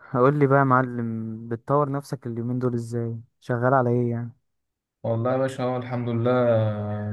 هقول لي بقى يا معلم، بتطور نفسك اليومين دول ازاي؟ شغال على ايه يعني؟ والله يا باشا، هو الحمد لله.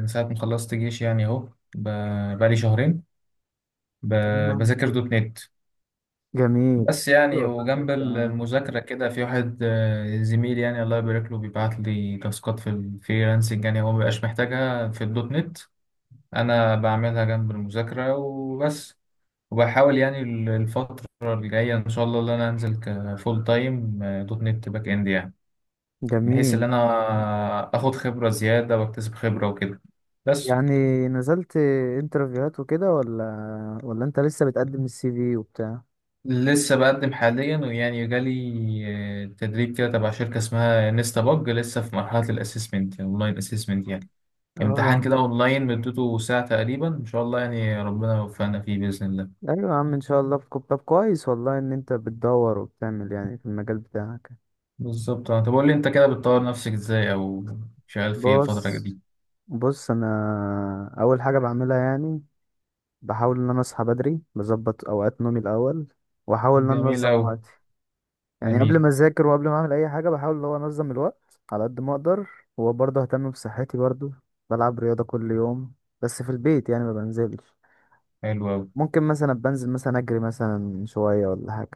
من ساعة ما خلصت جيش يعني أهو، بقالي شهرين تمام. بذاكر دوت نت. جميل. بس يعني حلو، ادتك. وجنب تمام. المذاكرة كده في واحد زميل يعني الله يبارك له بيبعت لي تاسكات في الفريلانسنج، يعني هو مبيبقاش محتاجها في الدوت نت. أنا بعملها جنب المذاكرة وبس. وبحاول يعني الفترة الجاية إن شاء الله إن أنا أنزل كفول تايم دوت نت باك إند يعني. بحيث إن جميل. أنا آخد خبرة زيادة وأكتسب خبرة وكده. بس. يعني نزلت انترفيوهات وكده ولا ولا انت لسه بتقدم السي في وبتاع؟ لسه بقدم حاليا، ويعني جالي تدريب كده تبع شركة اسمها نيستا بج. لسه في مرحلة الاسسمنت، اونلاين اسسمنت يعني. امتحان اه، كده اونلاين مدته ساعة تقريبا، ان شاء الله يعني ربنا يوفقنا فيه بإذن الله. ايوه يا عم ان شاء الله. في طب كويس والله ان انت بتدور وبتعمل يعني في المجال بتاعك. بالظبط. طب قول لي انت كده بتطور نفسك ازاي، او شغال في ايه الفترة بص دي؟ بص انا اول حاجه بعملها يعني بحاول ان انا اصحى بدري، بظبط اوقات نومي الاول، واحاول ان انا جميل انظم أوي. وقتي. يعني قبل جميل. ما اذاكر وقبل ما اعمل اي حاجه، بحاول اللي هو انظم الوقت على قد ما اقدر. وبرضه اهتم بصحتي برضه، بلعب رياضه كل يوم، بس في البيت يعني، ما بنزلش. حلو أوي. ممكن مثلا بنزل مثلا اجري مثلا شويه ولا حاجه.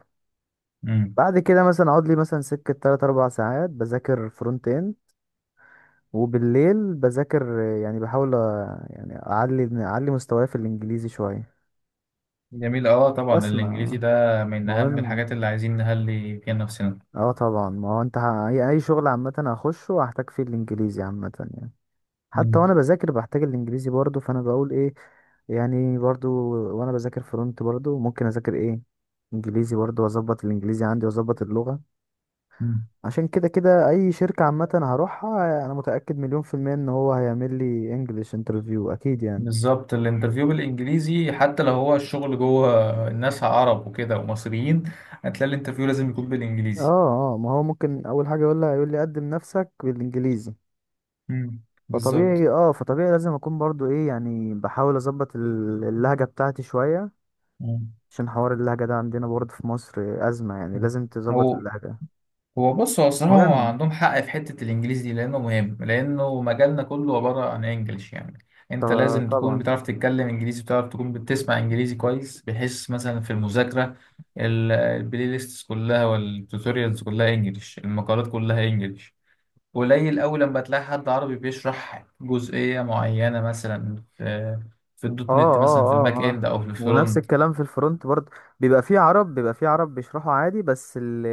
امم. بعد كده مثلا اقعد لي مثلا سكه 3 4 ساعات بذاكر فرونت اند. وبالليل بذاكر، يعني بحاول يعني اعلي اعلي مستواي في الانجليزي شويه، جميل. اه، طبعا بسمع. الانجليزي ده من اهم مهم. الحاجات اللي عايزين نهلي فيها نفسنا. اه طبعا، ما هو انت اي أي شغل عامه هخشه هحتاج فيه الانجليزي عامه يعني. حتى وانا بذاكر بحتاج الانجليزي برضو، فانا بقول ايه يعني؟ برضو وانا بذاكر فرونت برضو ممكن اذاكر ايه؟ انجليزي برضو، واظبط الانجليزي عندي واظبط اللغة. مم. عشان كده كده اي شركة عامة هروحها انا متأكد مليون في المية ان هو هيعمل لي انجليش انترفيو اكيد يعني. بالظبط. الانترفيو بالانجليزي حتى لو هو الشغل جوه الناس عرب وكده ومصريين، هتلاقي الانترفيو لازم يكون اه بالانجليزي. اه، ما هو ممكن اول حاجة يقول لها، يقول لي قدم نفسك بالانجليزي. بالظبط. فطبيعي، فطبيعي لازم اكون برضو ايه يعني، بحاول اظبط اللهجة بتاعتي شوية. مم. عشان حوار اللهجة ده عندنا برضو في مصر أزمة، يعني مم. لازم تظبط هو اللهجة. هو بص، هو الصراحه هو مهم. عندهم حق في حته الانجليزي دي، لانه مهم، لانه مجالنا كله عباره عن انجلش يعني. انت ط- لازم تكون طبعا. بتعرف تتكلم انجليزي، بتعرف تكون بتسمع انجليزي كويس، بحيث مثلا في المذاكره البلاي ليست كلها والتوتوريالز كلها انجلش، المقالات كلها انجلش. قليل أوي لما تلاقي حد عربي بيشرح جزئية معينة مثلا في اه، الدوت نت، مثلا في الباك إند أو في ونفس الفرونت. الكلام في الفرونت برضه، بيبقى فيه عرب، بيبقى فيه عرب بيشرحوا عادي، بس اللي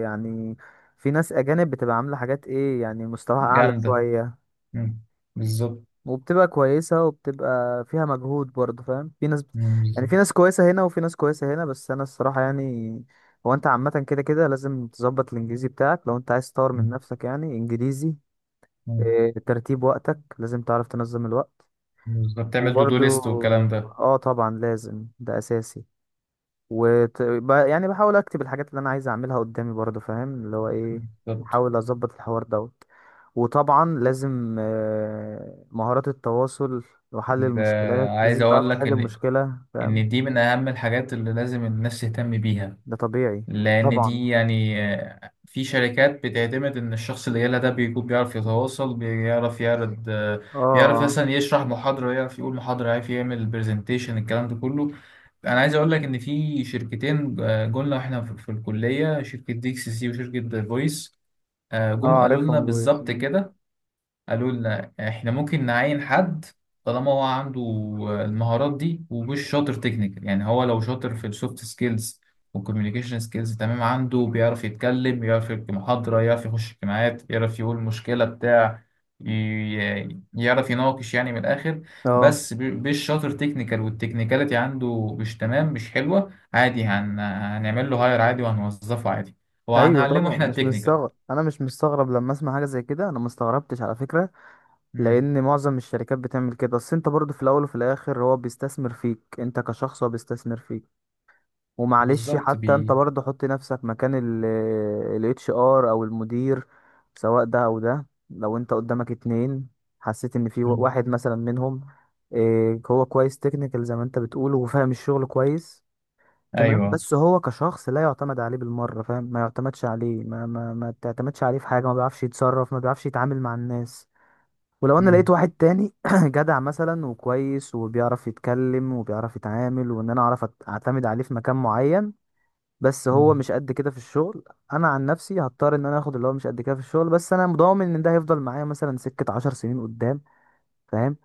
يعني في ناس اجانب بتبقى عامله حاجات ايه يعني، مستواها اعلى جامدة. شويه، مم. بالظبط. وبتبقى كويسه وبتبقى فيها مجهود برضه، فاهم؟ في ناس مم. يعني، بالظبط. في ناس كويسه هنا وفي ناس كويسه هنا. بس انا الصراحه يعني، هو انت عامه كده كده لازم تظبط الانجليزي بتاعك لو انت عايز تطور من مم. نفسك، يعني انجليزي، مم. ترتيب وقتك لازم تعرف تنظم الوقت. بالظبط. تعمل دو دو وبرضو ليست والكلام ده. اه طبعا لازم، ده اساسي. يعني بحاول اكتب الحاجات اللي انا عايز اعملها قدامي، برضو فاهم اللي هو ايه، بالظبط. بحاول اظبط الحوار دوت. وطبعا لازم، مهارات التواصل وحل ده المشكلات، عايز لازم أقول تعرف لك تحل إن المشكلة، فاهم؟ دي من أهم الحاجات اللي لازم الناس تهتم بيها. ده طبيعي. لأن دي طبعا يعني في شركات بتعتمد إن الشخص اللي جالها ده بيكون بيعرف يتواصل، بيعرف يعرض، اه بيعرف اه. مثلا يشرح محاضرة، يعرف يقول محاضرة، يعرف يعمل برزنتيشن، الكلام ده كله. أنا عايز أقول لك إن في شركتين، جولنا إحنا في الكلية، شركة دي إكس سي وشركة فويس. اه جم قالوا لنا عارفهم بويز. بالظبط كده. قالوا لنا احنا ممكن نعين حد طالما هو عنده المهارات دي ومش شاطر تكنيكال. يعني هو لو شاطر في السوفت سكيلز والكوميونيكيشن سكيلز تمام عنده، بيعرف يتكلم، يعرف يلقي محاضرة، يعرف يخش اجتماعات، يعرف يقول مشكلة بتاع، يعرف يناقش، يعني من الآخر. اه بس مش شاطر تكنيكال، والتكنيكاليتي عنده مش تمام، مش حلوة، عادي هنعمل له هاير عادي، وهنوظفه عادي، ايوه وهنعلمه طبعا، احنا مش التكنيكال. مستغرب. انا مش مستغرب لما اسمع حاجة زي كده، انا مستغربتش على فكرة. مم. لان معظم الشركات بتعمل كده. بس انت برضو في الاول وفي الاخر هو بيستثمر فيك انت كشخص، هو بيستثمر فيك. ومعلش، بالظبط. حتى انت برضو حط نفسك مكان ال اتش ار او المدير. سواء ده او ده، لو انت قدامك اتنين، حسيت ان في مم. واحد مثلا منهم، هو كويس تكنيكال زي ما انت بتقول وفاهم الشغل كويس، تمام، ايوه. بس هو كشخص لا يعتمد عليه بالمرة، فاهم؟ ما يعتمدش عليه، ما تعتمدش عليه في حاجة، ما بيعرفش يتصرف، ما بيعرفش يتعامل مع الناس. ولو انا لقيت مم. واحد تاني جدع مثلا وكويس وبيعرف يتكلم وبيعرف يتعامل، وان انا اعرف اعتمد عليه في مكان معين، بس مم. هو مش قد كده في الشغل، انا عن نفسي هضطر ان انا اخد اللي هو مش قد كده في الشغل، بس انا مضامن ان ده هيفضل معايا مثلا سكة 10 سنين قدام، فاهم؟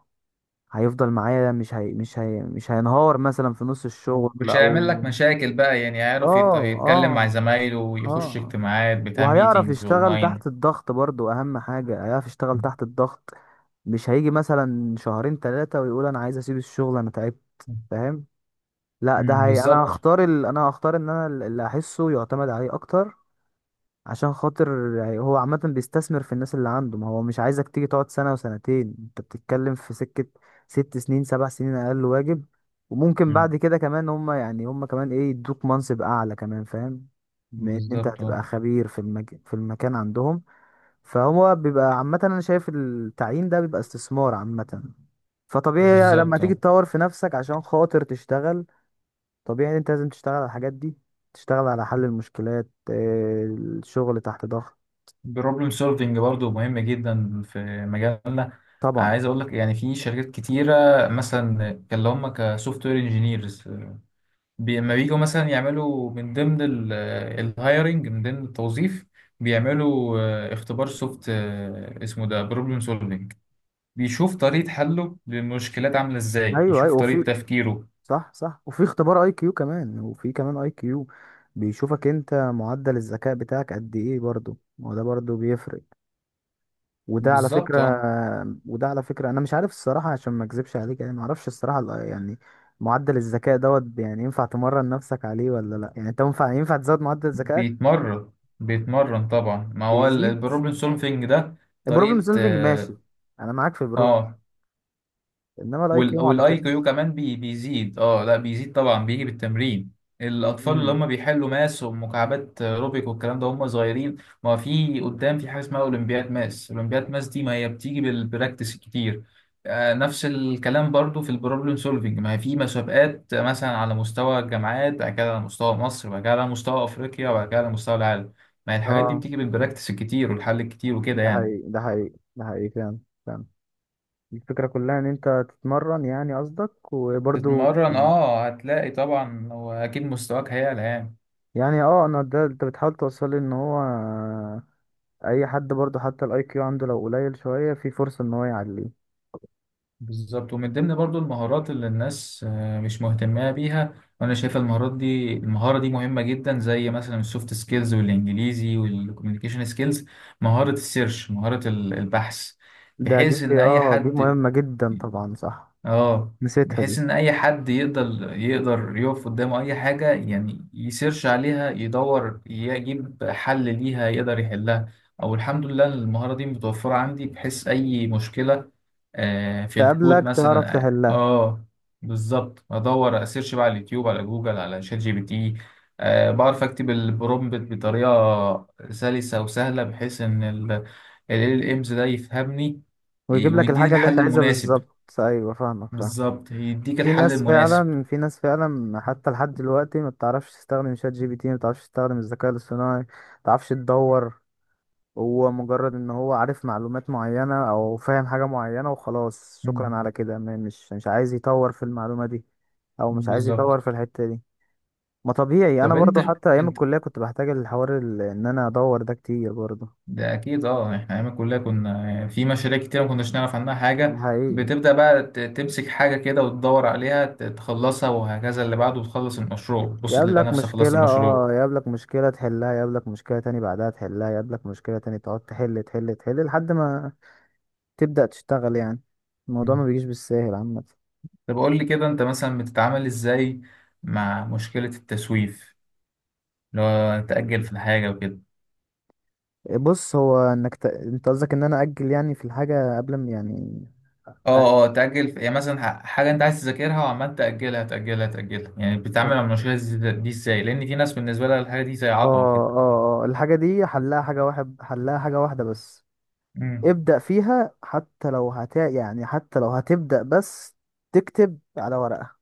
هيفضل معايا، مش هينهار مثلا في نص الشغل ومش هيعمل او لك مشاكل بقى، يعني هيعرف اه يتكلم مع اه زمايله، ويخش اه، اجتماعات، بتاع وهيعرف ميتينجز يشتغل اونلاين. تحت الضغط برضو. اهم حاجة هيعرف يشتغل مم. تحت الضغط، مش هيجي مثلا شهرين ثلاثة ويقول انا عايز اسيب الشغل انا تعبت، فاهم؟ لا، ده مم. هي انا بالظبط. هختار ال... انا هختار ان انا اللي احسه يعتمد عليه اكتر، عشان خاطر يعني هو عامة بيستثمر في الناس اللي عنده. ما هو مش عايزك تيجي تقعد سنة وسنتين، انت بتتكلم في سكة 6 سنين 7 سنين اقل واجب. وممكن مم. بعد كده كمان هم يعني هم كمان ايه، يدوك منصب اعلى كمان، فاهم؟ بما ان انت بالظبط هتبقى اه. خبير في في المكان عندهم. فهو بيبقى عامة، انا شايف التعيين ده بيبقى استثمار عامة. فطبيعي لما بالظبط تيجي اه، تطور في نفسك عشان خاطر تشتغل، طبيعي ان انت لازم تشتغل على الحاجات دي، تشتغل على حل المشكلات، الشغل تحت ضغط. البروبلم سولفنج برضه مهم جدا في مجالنا. طبعا. عايز اقول لك يعني في شركات كتيره، مثلا كان اللي هم كسوفت وير انجينيرز لما بييجوا مثلا يعملوا من ضمن الهايرنج، من ضمن التوظيف، بيعملوا اختبار سوفت، اسمه ده بروبلم سولفنج. بيشوف طريقة حله للمشكلات عاملة ازاي، ايوه يشوف ايوه طريقة وفي، تفكيره. صح صح وفي اختبار اي كيو كمان، وفي كمان اي كيو بيشوفك انت معدل الذكاء بتاعك قد ايه، برضو ما هو ده برضو بيفرق. وده على بالظبط فكرة اه، وده على فكرة انا مش عارف الصراحة عشان ما اكذبش عليك، يعني ما اعرفش الصراحة يعني معدل الذكاء دوت يعني ينفع تمرن نفسك عليه ولا لا؟ يعني انت ينفع ينفع تزود معدل ذكائك؟ بيتمرن. بيتمرن طبعا، ما هو بيزيد. البروبلم سولفينج ده البروبلم طريقة سولفنج ماشي، انا معاك في اه البروبلم، آه. انما الاي كيو ما والاي كيو اعتقدش. كمان بيزيد. اه لا، بيزيد طبعا، بيجي بالتمرين. الاطفال اللي امم هم بيحلوا ماس ومكعبات روبيك والكلام ده هم صغيرين. ما في قدام في حاجه اسمها اولمبياد ماس، اولمبياد ماس دي ما هي بتيجي بالبراكتس كتير. نفس الكلام برضو في البروبلم سولفينج، ما هي في مسابقات مثلا على مستوى الجامعات، بعد كده على مستوى مصر، بعد كده على مستوى افريقيا، وبعد كده على مستوى العالم. ما هي الحاجات دي اه. بتيجي بالبراكتس الكتير والحل الكتير وكده ده يعني. حقيقي، ده حقيقي، ده حقيقي فعلا. الفكرة كلها ان انت تتمرن يعني قصدك؟ وبرضو تتمرن اه، هتلاقي طبعا، واكيد مستواك هيعلى يعني. يعني اه، انا ده انت بتحاول توصل لي ان هو اي حد برضو حتى الاي كيو عنده لو قليل شوية في فرصة ان هو يعليه. بالظبط. ومن ضمن برضو المهارات اللي الناس مش مهتمة بيها، وانا شايف المهارات دي، المهارة دي مهمة جدا، زي مثلا السوفت سكيلز والانجليزي والكوميونيكيشن سكيلز، مهارة السيرش، مهارة البحث. دي بحيث ان اي اه دي حد مهمة جدا طبعا صح، اه نسيتها بحيث دي. ان اي حد يقدر، يقف قدامه اي حاجه يعني يسيرش عليها، يدور، يجيب حل ليها، يقدر يحلها. او الحمد لله المهاره دي متوفره عندي، بحيث اي مشكله في الكود تقابلك تعرف مثلا تحلها، بالظبط، ادور، اسيرش بقى على اليوتيوب، على جوجل، على شات جي بي تي. بعرف اكتب البرومبت بطريقه سلسه وسهله، بحيث ان ال امز ده يفهمني ويجيب لك ويديني الحاجة اللي انت الحل عايزها المناسب. بالظبط، ايوه فاهمك فاهم. بالظبط يديك في الحل ناس المناسب. فعلا، في ناس فعلا حتى لحد دلوقتي ما بتعرفش تستخدم شات جي بي تي، ما بتعرفش تستخدم الذكاء الاصطناعي، ما بتعرفش تدور. هو مجرد ان هو عارف معلومات معينة او فاهم حاجة معينة وخلاص، شكرا مم. على كده. مش عايز يطور في المعلومة دي، او مش عايز بالظبط. يطور في الحتة دي. ما طبيعي انا طب انت، برضو، حتى ايام انت الكلية كنت بحتاج الحوار ان انا ادور ده كتير برضو. ده اكيد اه. احنا ايام الكليه كنا في مشاريع كتير ما كناش نعرف عنها ده حاجه، حقيقي. بتبدا بقى تمسك حاجه كده وتدور عليها تخلصها وهكذا، اللي بعده تخلص المشروع، بص تلاقي يقابلك نفسك خلصت مشكلة، المشروع. اه يقابلك مشكلة تحلها، يقابلك مشكلة تاني بعدها تحلها، يقابلك مشكلة تاني تقعد تحل تحل تحل لحد ما تبدأ تشتغل يعني. الموضوع مم. ما بيجيش بالساهل عامة. طب قول لي كده انت مثلا بتتعامل ازاي مع مشكله التسويف، اللي هو تاجل في الحاجه وكده. بص، هو انك انت قصدك ان انا اجل يعني في الحاجه قبل ما يعني أ- اه، اه، تأجل يعني مثلا حاجة أنت عايز تذاكرها وعمال تأجلها، تأجلها، تأجلها، يعني اه؟ بتتعامل مع المشكلة دي إزاي؟ لأن في ناس بالنسبة لها الحاجة دي زي عقبة كده. اه اه، الحاجه دي حلها حاجه واحد، حلها حاجه واحده بس، امم ابدا فيها. حتى لو يعني حتى لو هتبدا بس تكتب على ورقه،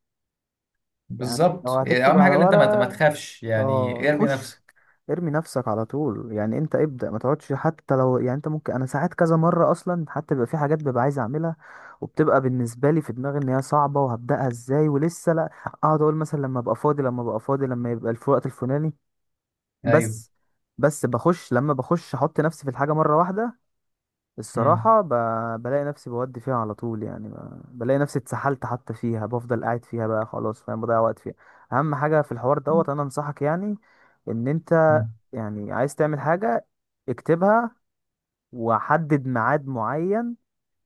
يعني لو بالظبط. يعني هتكتب أهم على حاجة إن أنت ما ورقه تخافش، اه، يعني ارمي خش، نفسك. ارمي نفسك على طول يعني. انت ابدأ، ما تقعدش. حتى لو يعني، انت ممكن انا ساعات كذا مرة اصلا حتى بيبقى في حاجات ببقى عايز اعملها، وبتبقى بالنسبة لي في دماغي ان هي صعبة وهبدأها ازاي ولسه لا، اقعد اقول مثلا لما ابقى فاضي لما ابقى فاضي لما يبقى الوقت الفلاني. أيوه. بس، بس بخش. لما بخش احط نفسي في الحاجة مرة واحدة، امم الصراحة بلاقي نفسي بودي فيها على طول، يعني بلاقي نفسي اتسحلت حتى فيها، بفضل قاعد فيها بقى خلاص، فاهم؟ بضيع وقت فيها. اهم حاجة في الحوار دوت انا انصحك يعني، ان انت يعني عايز تعمل حاجة، اكتبها، وحدد ميعاد معين.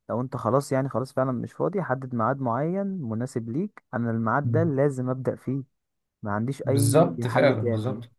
لو انت خلاص يعني خلاص فعلا مش فاضي، حدد ميعاد معين مناسب ليك، انا الميعاد ده لازم ابدأ فيه، ما عنديش اي بالظبط حل فعلا تاني. بالظبط.